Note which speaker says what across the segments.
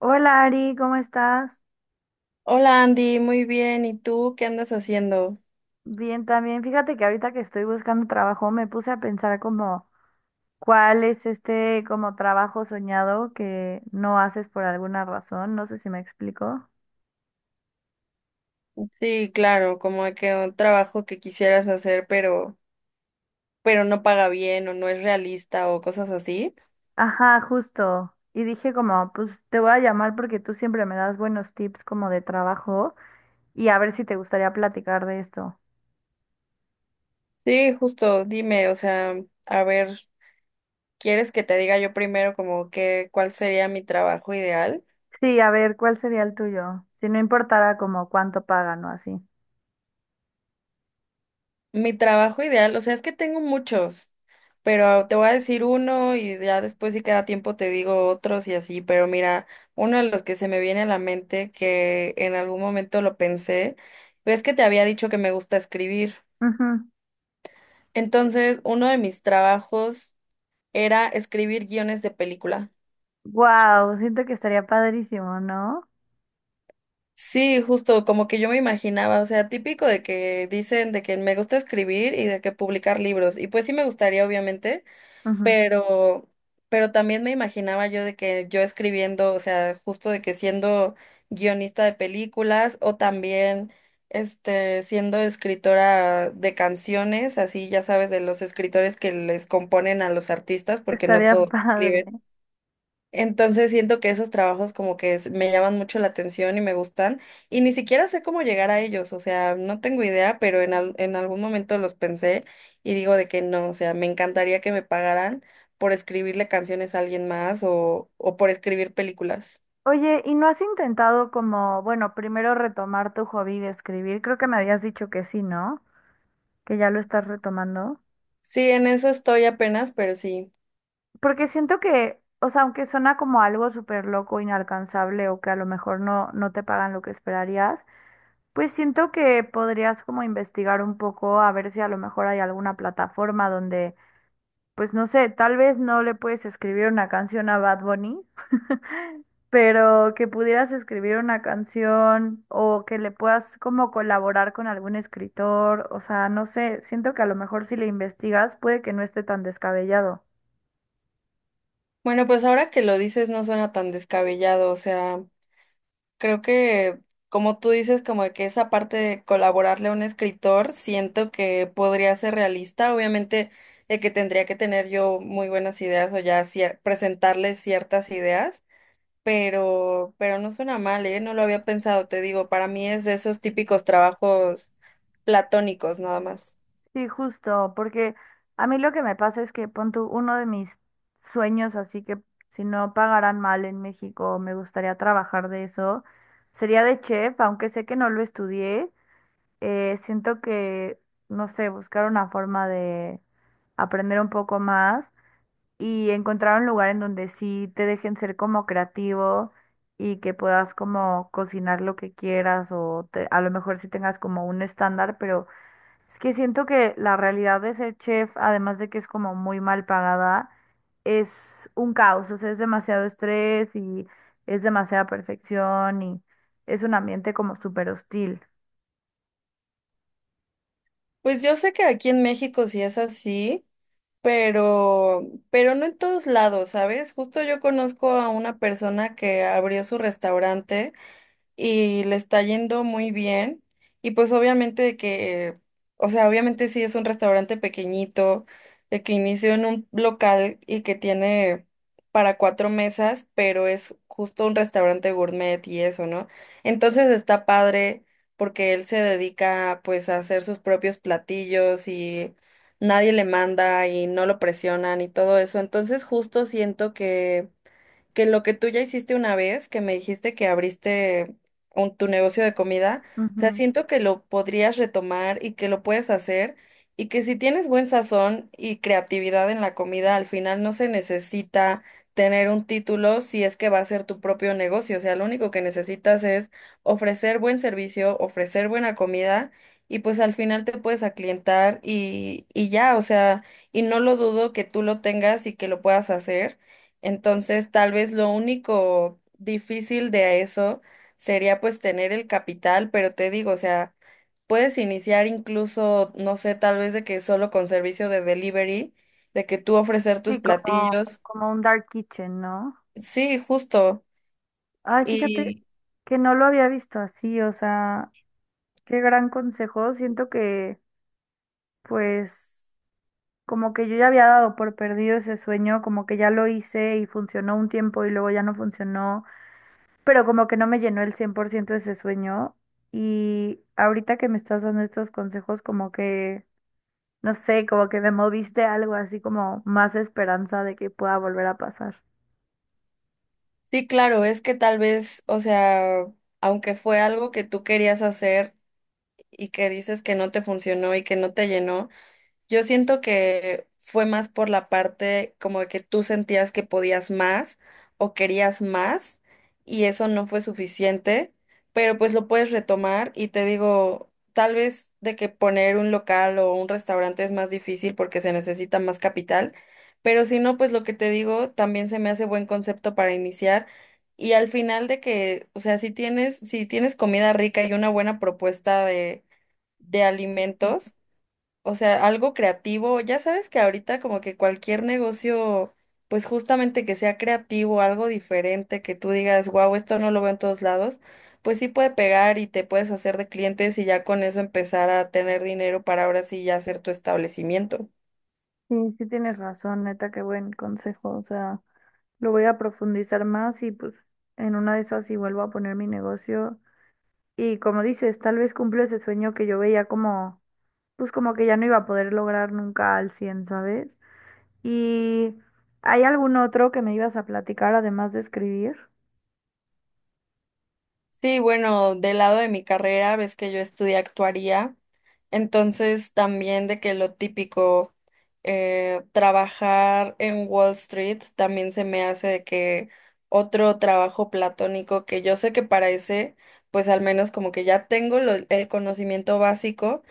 Speaker 1: Hola Ari, ¿cómo estás?
Speaker 2: Hola Andy, muy bien. ¿Y tú qué andas haciendo?
Speaker 1: Bien también. Fíjate que ahorita que estoy buscando trabajo me puse a pensar como cuál es este como trabajo soñado que no haces por alguna razón. No sé si me explico.
Speaker 2: Sí, claro, como que un trabajo que quisieras hacer, pero no paga bien o no es realista o cosas así.
Speaker 1: Ajá, justo. Y dije como, pues te voy a llamar porque tú siempre me das buenos tips como de trabajo y a ver si te gustaría platicar de esto.
Speaker 2: Sí, justo, dime, o sea, a ver, ¿quieres que te diga yo primero como que cuál sería mi trabajo ideal?
Speaker 1: Sí, a ver, ¿cuál sería el tuyo? Si no importara como cuánto pagan o así.
Speaker 2: Mi trabajo ideal, o sea, es que tengo muchos, pero te voy a decir uno y ya después si queda tiempo te digo otros y así, pero mira, uno de los que se me viene a la mente, que en algún momento lo pensé, ves que te había dicho que me gusta escribir. Entonces, uno de mis trabajos era escribir guiones de película.
Speaker 1: Wow, siento que estaría padrísimo, ¿no?
Speaker 2: Sí, justo como que yo me imaginaba, o sea, típico de que dicen de que me gusta escribir y de que publicar libros, y pues sí me gustaría, obviamente,
Speaker 1: Ujú.
Speaker 2: pero, pero también me imaginaba yo de que yo escribiendo, o sea, justo de que siendo guionista de películas o también siendo escritora de canciones, así ya sabes, de los escritores que les componen a los artistas, porque no
Speaker 1: Estaría
Speaker 2: todos
Speaker 1: padre.
Speaker 2: escriben. Entonces siento que esos trabajos como que me llaman mucho la atención y me gustan y ni siquiera sé cómo llegar a ellos, o sea, no tengo idea, pero en algún momento los pensé y digo de que no, o sea, me encantaría que me pagaran por escribirle canciones a alguien más o por escribir películas.
Speaker 1: Oye, ¿y no has intentado como, bueno, primero retomar tu hobby de escribir? Creo que me habías dicho que sí, ¿no? Que ya lo estás retomando.
Speaker 2: Sí, en eso estoy apenas, pero sí.
Speaker 1: Porque siento que, o sea, aunque suena como algo súper loco, inalcanzable o que a lo mejor no, no te pagan lo que esperarías, pues siento que podrías como investigar un poco a ver si a lo mejor hay alguna plataforma donde, pues no sé, tal vez no le puedes escribir una canción a Bad Bunny, pero que pudieras escribir una canción o que le puedas como colaborar con algún escritor, o sea, no sé, siento que a lo mejor si le investigas puede que no esté tan descabellado.
Speaker 2: Bueno, pues ahora que lo dices no suena tan descabellado, o sea... Creo que, como tú dices, como de que esa parte de colaborarle a un escritor, siento que podría ser realista. Obviamente, de que tendría que tener yo muy buenas ideas o ya presentarle ciertas ideas, pero no suena mal, ¿eh? No lo había pensado, te digo, para mí es de esos típicos trabajos platónicos, nada más.
Speaker 1: Sí, justo, porque a mí lo que me pasa es que pon tú, uno de mis sueños, así que si no pagaran mal en México, me gustaría trabajar de eso, sería de chef, aunque sé que no lo estudié, siento que, no sé, buscar una forma de aprender un poco más y encontrar un lugar en donde sí te dejen ser como creativo y que puedas como cocinar lo que quieras o a lo mejor sí tengas como un estándar, pero es que siento que la realidad de ser chef, además de que es como muy mal pagada, es un caos, o sea, es demasiado estrés y es demasiada perfección y es un ambiente como súper hostil.
Speaker 2: Pues yo sé que aquí en México sí es así, pero no en todos lados, ¿sabes? Justo yo conozco a una persona que abrió su restaurante y le está yendo muy bien. Y pues obviamente de que, o sea, obviamente sí es un restaurante pequeñito, de que inició en un local y que tiene para cuatro mesas, pero es justo un restaurante gourmet y eso, ¿no? Entonces está padre porque él se dedica pues a hacer sus propios platillos y nadie le manda y no lo presionan y todo eso. Entonces justo siento que lo que tú ya hiciste una vez, que me dijiste que abriste tu negocio de comida, o sea,
Speaker 1: Ujú.
Speaker 2: siento que lo podrías retomar y que lo puedes hacer y que si tienes buen sazón y creatividad en la comida, al final no se necesita tener un título si es que va a ser tu propio negocio, o sea, lo único que necesitas es ofrecer buen servicio, ofrecer buena comida y pues al final te puedes aclientar y ya, o sea, y no lo dudo que tú lo tengas y que lo puedas hacer. Entonces, tal vez lo único difícil de eso sería pues tener el capital, pero te digo, o sea, puedes iniciar incluso, no sé, tal vez de que solo con servicio de delivery, de que tú ofrecer tus
Speaker 1: Sí, como,
Speaker 2: platillos.
Speaker 1: como un dark kitchen, ¿no?
Speaker 2: Sí, justo.
Speaker 1: Ay, fíjate
Speaker 2: Y
Speaker 1: que no lo había visto así, o sea... Qué gran consejo. Siento que, pues, como que yo ya había dado por perdido ese sueño, como que ya lo hice y funcionó un tiempo y luego ya no funcionó, pero como que no me llenó el 100% ese sueño. Y ahorita que me estás dando estos consejos, como que, no sé, como que me moviste algo así como más esperanza de que pueda volver a pasar.
Speaker 2: sí, claro, es que tal vez, o sea, aunque fue algo que tú querías hacer y que dices que no te funcionó y que no te llenó, yo siento que fue más por la parte como de que tú sentías que podías más o querías más y eso no fue suficiente, pero pues lo puedes retomar y te digo, tal vez de que poner un local o un restaurante es más difícil porque se necesita más capital, pero si no, pues lo que te digo también se me hace buen concepto para iniciar y al final de que, o sea, si tienes comida rica y una buena propuesta de alimentos, o sea, algo creativo. Ya sabes que ahorita como que cualquier negocio, pues justamente que sea creativo, algo diferente, que tú digas, wow, esto no lo veo en todos lados, pues sí puede pegar y te puedes hacer de clientes y ya con eso empezar a tener dinero para ahora sí ya hacer tu establecimiento.
Speaker 1: Sí, sí tienes razón, neta, qué buen consejo. O sea, lo voy a profundizar más y pues en una de esas si vuelvo a poner mi negocio. Y como dices, tal vez cumplió ese sueño que yo veía como, pues como que ya no iba a poder lograr nunca al 100 ¿sabes? ¿Y hay algún otro que me ibas a platicar además de escribir?
Speaker 2: Sí, bueno, del lado de mi carrera, ves que yo estudié actuaría, entonces también de que lo típico, trabajar en Wall Street también se me hace de que otro trabajo platónico que yo sé que para ese, pues al menos como que ya tengo el conocimiento básico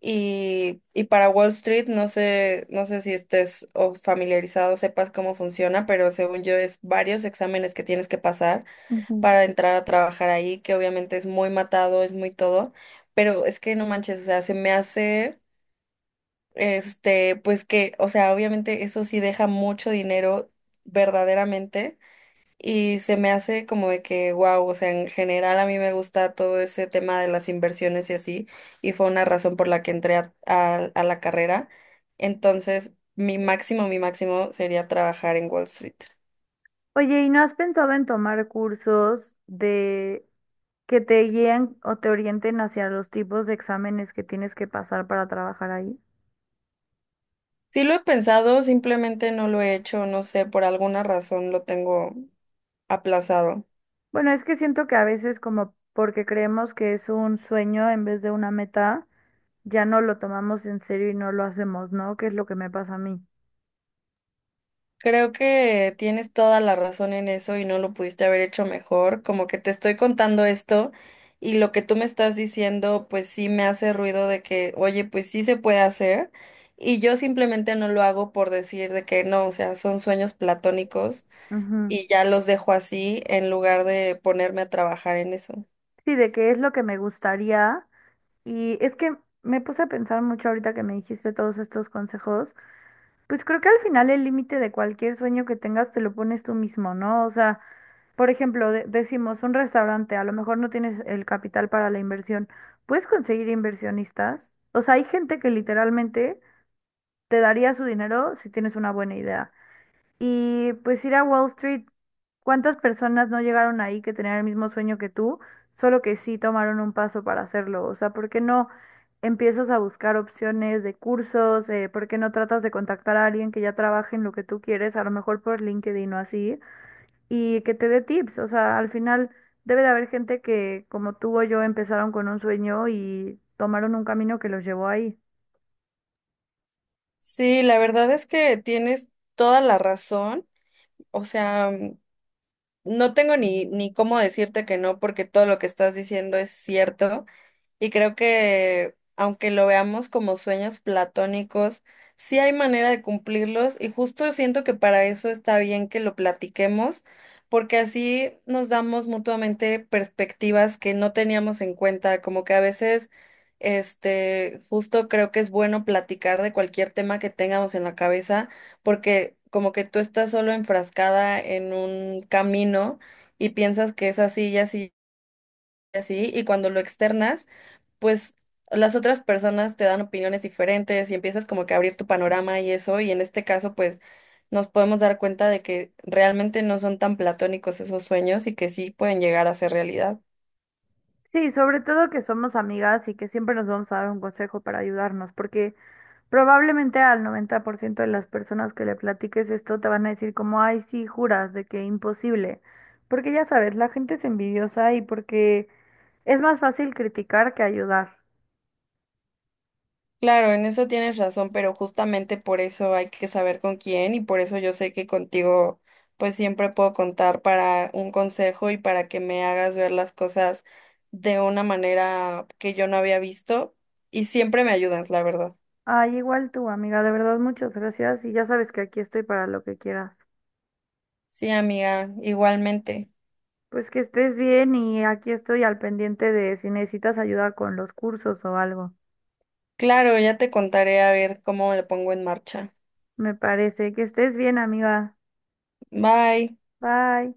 Speaker 2: y para Wall Street no sé, no sé si estés o familiarizado, sepas cómo funciona, pero según yo es varios exámenes que tienes que pasar
Speaker 1: Ujú.
Speaker 2: para entrar a trabajar ahí, que obviamente es muy matado, es muy todo, pero es que no manches, o sea, se me hace, este, pues que, o sea, obviamente eso sí deja mucho dinero verdaderamente y se me hace como de que, wow, o sea, en general a mí me gusta todo ese tema de las inversiones y así, y fue una razón por la que entré a la carrera. Entonces, mi máximo sería trabajar en Wall Street.
Speaker 1: Oye, ¿y no has pensado en tomar cursos de que te guíen o te orienten hacia los tipos de exámenes que tienes que pasar para trabajar ahí?
Speaker 2: Sí lo he pensado, simplemente no lo he hecho, no sé, por alguna razón lo tengo aplazado.
Speaker 1: Bueno, es que siento que a veces como porque creemos que es un sueño en vez de una meta, ya no lo tomamos en serio y no lo hacemos, ¿no? Que es lo que me pasa a mí.
Speaker 2: Creo que tienes toda la razón en eso y no lo pudiste haber hecho mejor, como que te estoy contando esto y lo que tú me estás diciendo, pues sí me hace ruido de que, oye, pues sí se puede hacer y yo simplemente no lo hago por decir de que no, o sea, son sueños platónicos
Speaker 1: Ujú.
Speaker 2: y ya los dejo así en lugar de ponerme a trabajar en eso.
Speaker 1: Sí, de qué es lo que me gustaría. Y es que me puse a pensar mucho ahorita que me dijiste todos estos consejos. Pues creo que al final el límite de cualquier sueño que tengas te lo pones tú mismo, ¿no? O sea, por ejemplo, decimos un restaurante, a lo mejor no tienes el capital para la inversión. ¿Puedes conseguir inversionistas? O sea, hay gente que literalmente te daría su dinero si tienes una buena idea. Y pues ir a Wall Street, ¿cuántas personas no llegaron ahí que tenían el mismo sueño que tú, solo que sí tomaron un paso para hacerlo? O sea, ¿por qué no empiezas a buscar opciones de cursos? ¿Por qué no tratas de contactar a alguien que ya trabaje en lo que tú quieres, a lo mejor por LinkedIn o así, y que te dé tips? O sea, al final debe de haber gente que, como tú o yo, empezaron con un sueño y tomaron un camino que los llevó ahí.
Speaker 2: Sí, la verdad es que tienes toda la razón. O sea, mm, no tengo ni, ni cómo decirte que no, porque todo lo que estás diciendo es cierto. Y creo que, aunque lo veamos como sueños platónicos, sí hay manera de cumplirlos y justo siento que para eso está bien que lo platiquemos, porque así nos damos mutuamente perspectivas que no teníamos en cuenta, como que a veces, este, justo creo que es bueno platicar de cualquier tema que tengamos en la cabeza, porque como que tú estás solo enfrascada en un camino y piensas que es así y así, y cuando lo externas, pues las otras personas te dan opiniones diferentes y empiezas como que a abrir tu panorama y eso, y en este caso pues nos podemos dar cuenta de que realmente no son tan platónicos esos sueños y que sí pueden llegar a ser realidad.
Speaker 1: Sí, sobre todo que somos amigas y que siempre nos vamos a dar un consejo para ayudarnos, porque probablemente al 90% de las personas que le platiques esto te van a decir como, ay, sí, juras de que imposible, porque ya sabes, la gente es envidiosa y porque es más fácil criticar que ayudar.
Speaker 2: Claro, en eso tienes razón, pero justamente por eso hay que saber con quién y por eso yo sé que contigo pues siempre puedo contar para un consejo y para que me hagas ver las cosas de una manera que yo no había visto y siempre me ayudas, la verdad.
Speaker 1: Ay, igual tú, amiga, de verdad, muchas gracias y ya sabes que aquí estoy para lo que quieras.
Speaker 2: Sí, amiga, igualmente.
Speaker 1: Pues que estés bien y aquí estoy al pendiente de si necesitas ayuda con los cursos o algo.
Speaker 2: Claro, ya te contaré a ver cómo le pongo en marcha.
Speaker 1: Me parece que estés bien, amiga.
Speaker 2: Bye.
Speaker 1: Bye.